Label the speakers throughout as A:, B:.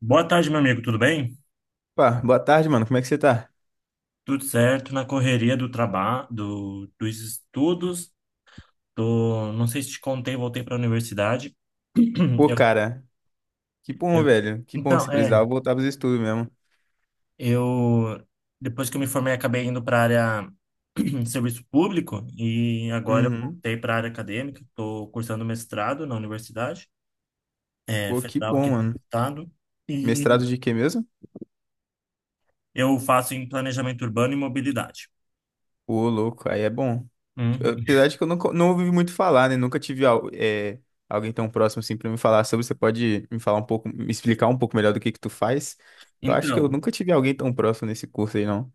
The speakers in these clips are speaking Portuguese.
A: Boa tarde, meu amigo, tudo bem?
B: Pá, boa tarde, mano. Como é que você tá?
A: Tudo certo, na correria do trabalho, dos estudos, não sei se te contei, voltei para a universidade.
B: Pô,
A: Eu,
B: cara, que bom,
A: eu-
B: velho. Que bom,
A: então,
B: se
A: é,
B: precisava voltar pros estudos mesmo.
A: eu, Depois que eu me formei, acabei indo para a área de serviço público e agora eu
B: Uhum.
A: voltei para a área acadêmica, estou cursando mestrado na universidade,
B: Pô, que
A: federal
B: bom,
A: aqui
B: mano.
A: do estado, e
B: Mestrado de quê mesmo?
A: eu faço em planejamento urbano e mobilidade.
B: Pô, louco, aí é bom.
A: Uhum.
B: Apesar de que eu nunca, não ouvi muito falar, né? Nunca tive alguém tão próximo assim pra me falar sobre. Você pode me falar um pouco, me explicar um pouco melhor do que tu faz? Eu acho que eu
A: Então,
B: nunca tive alguém tão próximo nesse curso aí, não.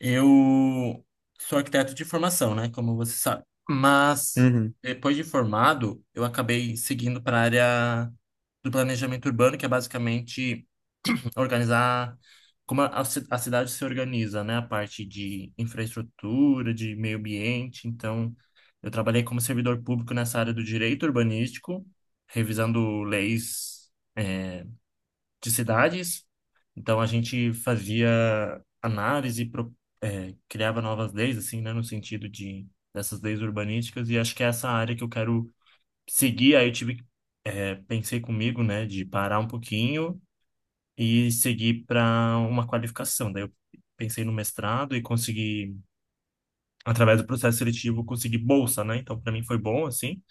A: eu sou arquiteto de formação, né? Como você sabe. Mas
B: Uhum.
A: depois de formado, eu acabei seguindo para a área do planejamento urbano, que é basicamente organizar como a cidade se organiza, né? A parte de infraestrutura, de meio ambiente. Então, eu trabalhei como servidor público nessa área do direito urbanístico, revisando leis de cidades. Então a gente fazia análise, criava novas leis, assim, né, no sentido de dessas leis urbanísticas. E acho que é essa área que eu quero seguir. Aí eu tive, que, pensei comigo, né, de parar um pouquinho e seguir para uma qualificação. Daí eu pensei no mestrado e consegui, através do processo seletivo, conseguir bolsa, né? Então para mim foi bom, assim.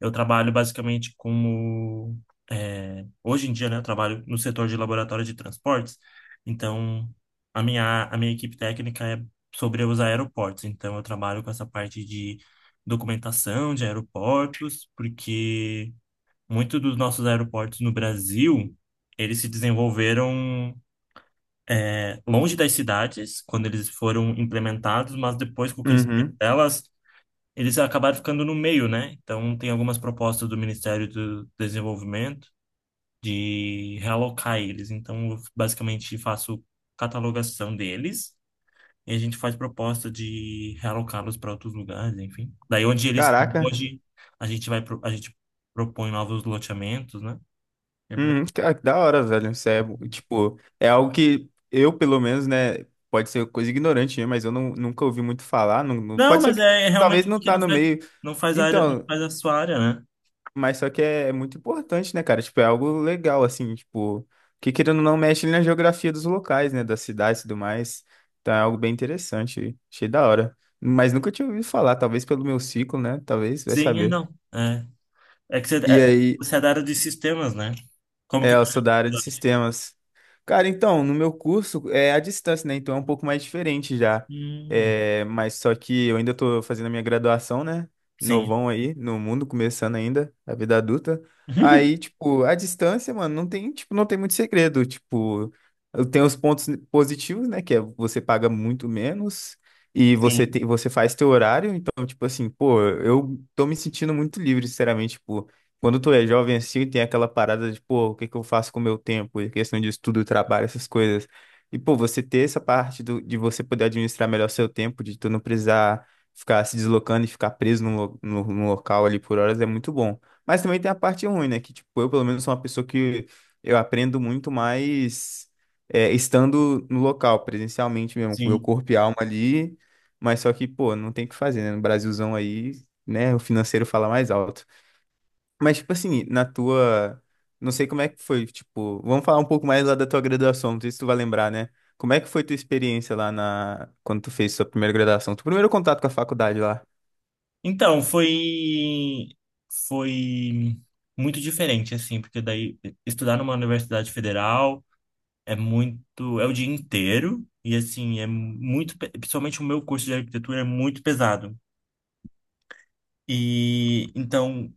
A: Eu trabalho basicamente como. Hoje em dia, né, eu trabalho no setor de laboratório de transportes, então a minha equipe técnica é sobre os aeroportos, então eu trabalho com essa parte de documentação de aeroportos, porque muitos dos nossos aeroportos no Brasil, eles se desenvolveram. Longe das cidades, quando eles foram implementados, mas depois com o crescimento
B: Uhum.
A: delas, eles acabaram ficando no meio, né? Então, tem algumas propostas do Ministério do Desenvolvimento de realocar eles. Então, eu basicamente faço catalogação deles e a gente faz proposta de realocá-los para outros lugares, enfim. Daí, onde eles estão
B: Caraca.
A: hoje, a gente propõe novos loteamentos, né? É ba-
B: Cara, que da hora, velho. Isso é, tipo, é algo que eu, pelo menos, né, pode ser coisa ignorante, né, mas eu não, nunca ouvi muito falar. Não,
A: Não,
B: pode ser
A: mas
B: que
A: é
B: talvez
A: realmente
B: não
A: porque
B: tá
A: não
B: no
A: faz,
B: meio.
A: não faz a área, não
B: Então,
A: faz a sua área, né?
B: mas só que é muito importante, né, cara? Tipo, é algo legal, assim, tipo, que querendo ou não mexe na geografia dos locais, né, das cidades e tudo mais. Então é algo bem interessante. Achei da hora. Mas nunca tinha ouvido falar, talvez pelo meu ciclo, né? Talvez, vai
A: Sim, é
B: saber.
A: não. É que
B: E aí.
A: você é da área de sistemas, né? Como
B: É,
A: que tá?
B: eu sou da área de sistemas. Cara, então, no meu curso é à distância, né? Então é um pouco mais diferente já.
A: Hum,
B: É, mas só que eu ainda tô fazendo a minha graduação, né?
A: sim.
B: Novão aí, no mundo, começando ainda, a vida adulta. Aí, tipo, à distância, mano, não tem, tipo, não tem muito segredo. Tipo, eu tenho os pontos positivos, né? Que é você paga muito menos e você
A: Sim,
B: tem, você faz teu horário. Então, tipo assim, pô, eu tô me sentindo muito livre, sinceramente, tipo. Quando tu é jovem assim, tem aquela parada de, pô, o que que eu faço com o meu tempo? E questão de estudo, trabalho, essas coisas. E, pô, você ter essa parte do, de você poder administrar melhor seu tempo, de tu não precisar ficar se deslocando e ficar preso num local ali por horas é muito bom. Mas também tem a parte ruim, né? Que, tipo, eu pelo menos sou uma pessoa que eu aprendo muito mais estando no local, presencialmente mesmo, com meu
A: sim.
B: corpo e alma ali. Mas só que, pô, não tem o que fazer, né? No Brasilzão aí, né? O financeiro fala mais alto. Mas, tipo assim, na tua. Não sei como é que foi, tipo. Vamos falar um pouco mais lá da tua graduação, não sei se tu vai lembrar, né? Como é que foi tua experiência lá na. Quando tu fez sua primeira graduação? Tu primeiro contato com a faculdade lá.
A: Então, foi muito diferente assim, porque daí estudar numa universidade federal é muito, é o dia inteiro e assim, é muito, pe- principalmente o meu curso de arquitetura é muito pesado. E então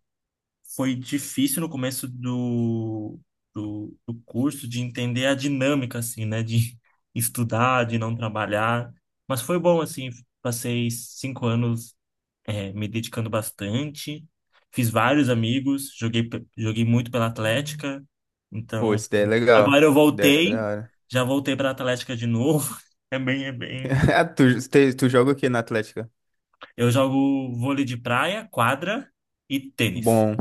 A: foi difícil no começo do curso de entender a dinâmica, assim, né? De estudar, de não trabalhar. Mas foi bom, assim, passei cinco anos, me dedicando bastante. Fiz vários amigos, joguei muito pela Atlética.
B: Pô,
A: Então,
B: isso daí é legal. Isso
A: agora eu
B: daí é
A: voltei,
B: da hora.
A: já voltei para Atlética de novo. É bem, é bem.
B: Ah, Tu joga o quê na Atlética?
A: Eu jogo vôlei de praia, quadra e tênis.
B: Bom,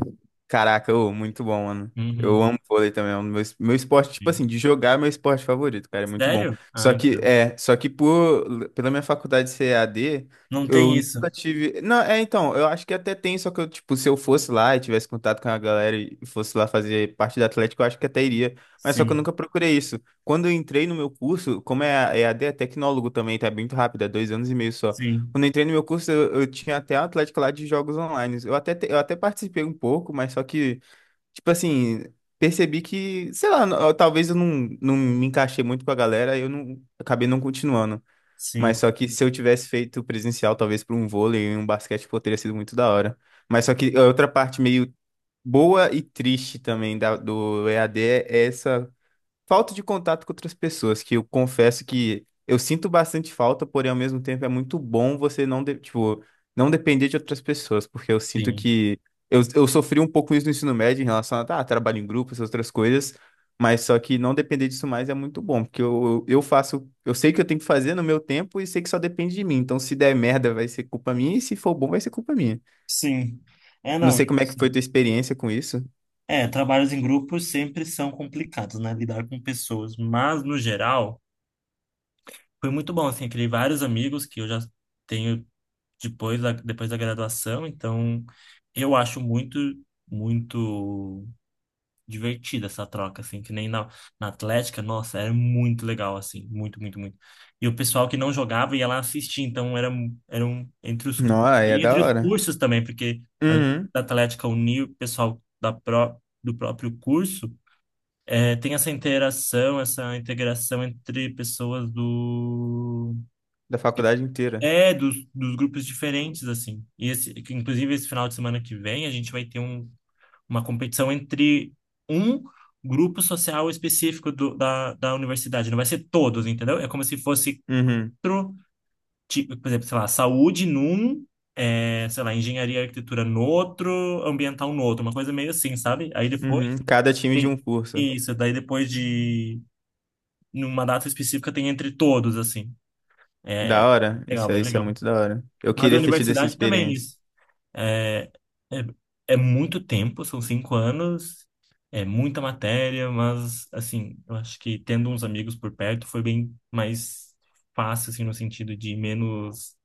B: caraca, ô, muito bom, mano. Eu
A: Uhum.
B: amo vôlei também, é um do meu esporte, tipo
A: Sim.
B: assim, de jogar é meu esporte favorito, cara, é muito bom.
A: Sério? Ah,
B: Só que,
A: então.
B: só que pela minha faculdade ser EAD
A: Não
B: eu
A: tem isso.
B: nunca tive. Não, então, eu acho que até tem, só que eu, tipo, se eu fosse lá e tivesse contato com a galera e fosse lá fazer parte da Atlético, eu acho que até iria. Mas só que eu
A: Sim,
B: nunca procurei isso. Quando eu entrei no meu curso, como é EAD é tecnólogo também, tá bem muito rápido, é 2 anos e meio só.
A: sim,
B: Quando eu entrei no meu curso, eu tinha até a Atlética lá de jogos online. Eu até participei um pouco, mas só que, tipo assim, percebi que, sei lá, talvez eu não, não me encaixei muito com a galera, aí eu não acabei não continuando.
A: sim,
B: Mas só que se eu tivesse feito presencial, talvez por um vôlei e um basquete, pô, teria sido muito da hora. Mas só que a outra parte meio boa e triste também do EAD é essa falta de contato com outras pessoas, que eu confesso que eu sinto bastante falta, porém ao mesmo tempo é muito bom você não, tipo, não depender de outras pessoas, porque eu sinto
A: sim,
B: que eu sofri um pouco isso no ensino médio em relação a tá, trabalho em grupo, essas outras coisas, mas só que não depender disso mais é muito bom, porque eu faço, eu sei que eu tenho que fazer no meu tempo e sei que só depende de mim, então se der merda vai ser culpa minha e se for bom vai ser culpa minha.
A: sim. É,
B: Não
A: não,
B: sei
A: isso
B: como é que foi
A: sim.
B: tua experiência com isso.
A: É, trabalhos em grupos sempre são complicados, né? Lidar com pessoas. Mas, no geral, foi muito bom, assim. Eu criei vários amigos que eu já tenho depois da graduação. Então, eu acho muito, muito. Divertida essa troca, assim, que nem na Atlética, nossa, era muito legal, assim, muito, muito, muito. E o pessoal que não jogava ia lá assistir, então era um, entre
B: Não, é
A: e
B: da
A: entre os
B: hora.
A: cursos também, porque além
B: Uhum,
A: da Atlética unir o pessoal do próprio curso, é, tem essa interação, essa integração entre pessoas do...
B: da faculdade inteira.
A: É, dos grupos diferentes, assim. E esse, que, inclusive, esse final de semana que vem, a gente vai ter uma competição entre um grupo social específico da universidade. Não vai ser todos, entendeu? É como se fosse,
B: Uhum.
A: pro, tipo, por exemplo, sei lá, saúde num, é, sei lá, engenharia e arquitetura no outro, ambiental no outro, uma coisa meio assim, sabe? Aí depois
B: Uhum, cada time de um
A: tem
B: curso.
A: isso, daí depois de, numa data específica, tem entre todos, assim.
B: Da hora.
A: Legal,
B: Isso
A: bem
B: é, isso é
A: legal.
B: muito da hora. Eu
A: Mas a
B: queria ter tido essa
A: universidade também, é
B: experiência.
A: isso. É, é, É muito tempo, são cinco anos, é muita matéria, mas, assim, eu acho que tendo uns amigos por perto foi bem mais fácil, assim, no sentido de menos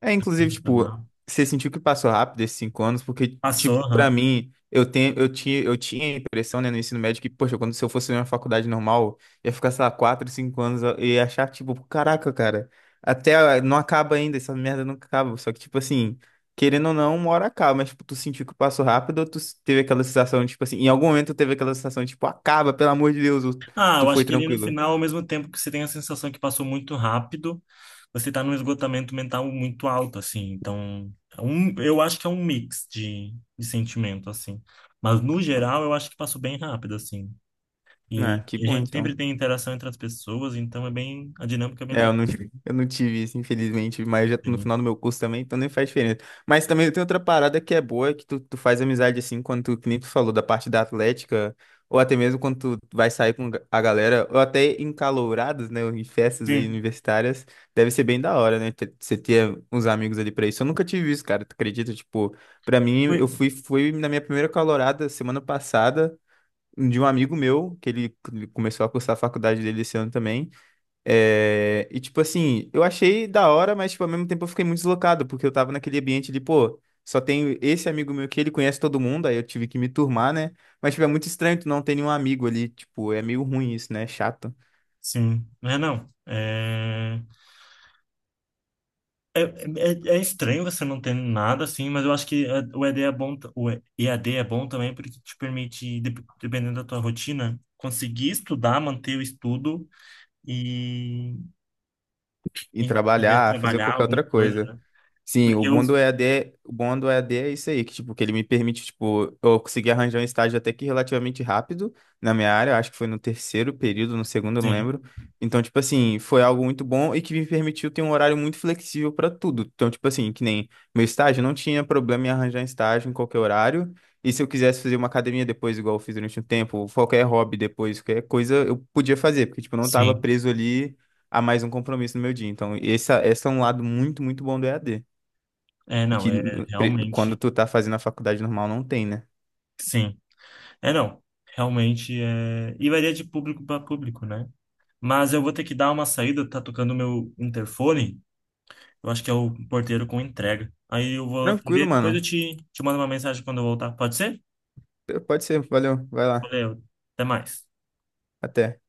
B: É, inclusive, tipo,
A: emocional.
B: você sentiu que passou rápido esses 5 anos, porque,
A: Passou,
B: tipo, pra
A: aham.
B: mim, eu tinha a impressão, né, no ensino médio que, poxa, quando se eu fosse numa faculdade normal, ia ficar, sei lá, 4, 5 anos e ia achar, tipo, caraca, cara, até ah, não acaba ainda, essa merda nunca acaba. Só que, tipo assim, querendo ou não, uma hora acaba, mas, tipo, tu sentiu que passou rápido ou tu teve aquela sensação, tipo assim, em algum momento tu teve aquela sensação, tipo, acaba, pelo amor de Deus, ou
A: Ah,
B: tu
A: eu acho
B: foi
A: que ali no
B: tranquilo.
A: final, ao mesmo tempo que você tem a sensação que passou muito rápido, você tá num esgotamento mental muito alto, assim. Então, é um, eu acho que é um mix de sentimento, assim. Mas, no geral, eu acho que passou bem rápido, assim.
B: Ah, que
A: E a
B: bom,
A: gente
B: então.
A: sempre tem interação entre as pessoas, então é bem, a dinâmica é bem
B: É, eu
A: legal.
B: não, eu não tive isso, infelizmente, mas já tô no
A: Sim,
B: final do meu curso também, então nem faz diferença. Mas também tem outra parada que é boa, que tu faz amizade assim, quando tu, que nem tu falou, da parte da Atlética, ou até mesmo quando tu vai sair com a galera, ou até em calouradas, né, ou em festas aí
A: sim,
B: universitárias, deve ser bem da hora, né, você ter uns amigos ali pra isso. Eu nunca tive isso, cara, tu acredita? Tipo, pra mim,
A: Ui,
B: eu fui na minha primeira calourada semana passada, de um amigo meu, que ele começou a cursar a faculdade dele esse ano também, e tipo assim, eu achei da hora, mas tipo, ao mesmo tempo eu fiquei muito deslocado, porque eu tava naquele ambiente de, pô, só tenho esse amigo meu que ele conhece todo mundo, aí eu tive que me turmar, né? Mas tipo, é muito estranho tu não ter nenhum amigo ali, tipo, é meio ruim isso, né? É chato.
A: sim. Mas não, é estranho você não ter nada assim, mas eu acho que é, o ED é bom, EAD é bom também porque te permite, dependendo da tua rotina, conseguir estudar, manter o estudo e,
B: E
A: e poder
B: trabalhar, fazer
A: trabalhar
B: qualquer
A: alguma
B: outra
A: coisa,
B: coisa.
A: né?
B: Sim, o
A: Porque eu,
B: bom do EAD o bom do E A D é isso aí, que, tipo, que ele me permite, tipo, eu consegui arranjar um estágio até que relativamente rápido na minha área, eu acho que foi no terceiro período, no segundo, eu não
A: sim,
B: lembro. Então, tipo assim, foi algo muito bom e que me permitiu ter um horário muito flexível para tudo. Então, tipo assim, que nem meu estágio, não tinha problema em arranjar estágio em qualquer horário. E se eu quisesse fazer uma academia depois, igual eu fiz durante um tempo, ou qualquer hobby depois, qualquer coisa, eu podia fazer, porque, tipo, eu não estava
A: sim,
B: preso ali a mais um compromisso no meu dia. Então, esse é um lado muito, muito bom do EAD
A: é,
B: e
A: não,
B: que
A: é
B: quando
A: realmente,
B: tu tá fazendo a faculdade normal não tem, né?
A: sim. É, não. Realmente é. E varia de público para público, né? Mas eu vou ter que dar uma saída, tá tocando o meu interfone. Eu acho que é o porteiro com entrega. Aí eu vou
B: Tranquilo,
A: atender, depois eu
B: mano.
A: te mando uma mensagem quando eu voltar. Pode ser?
B: Pode ser, valeu, vai lá.
A: Valeu. Até mais.
B: Até.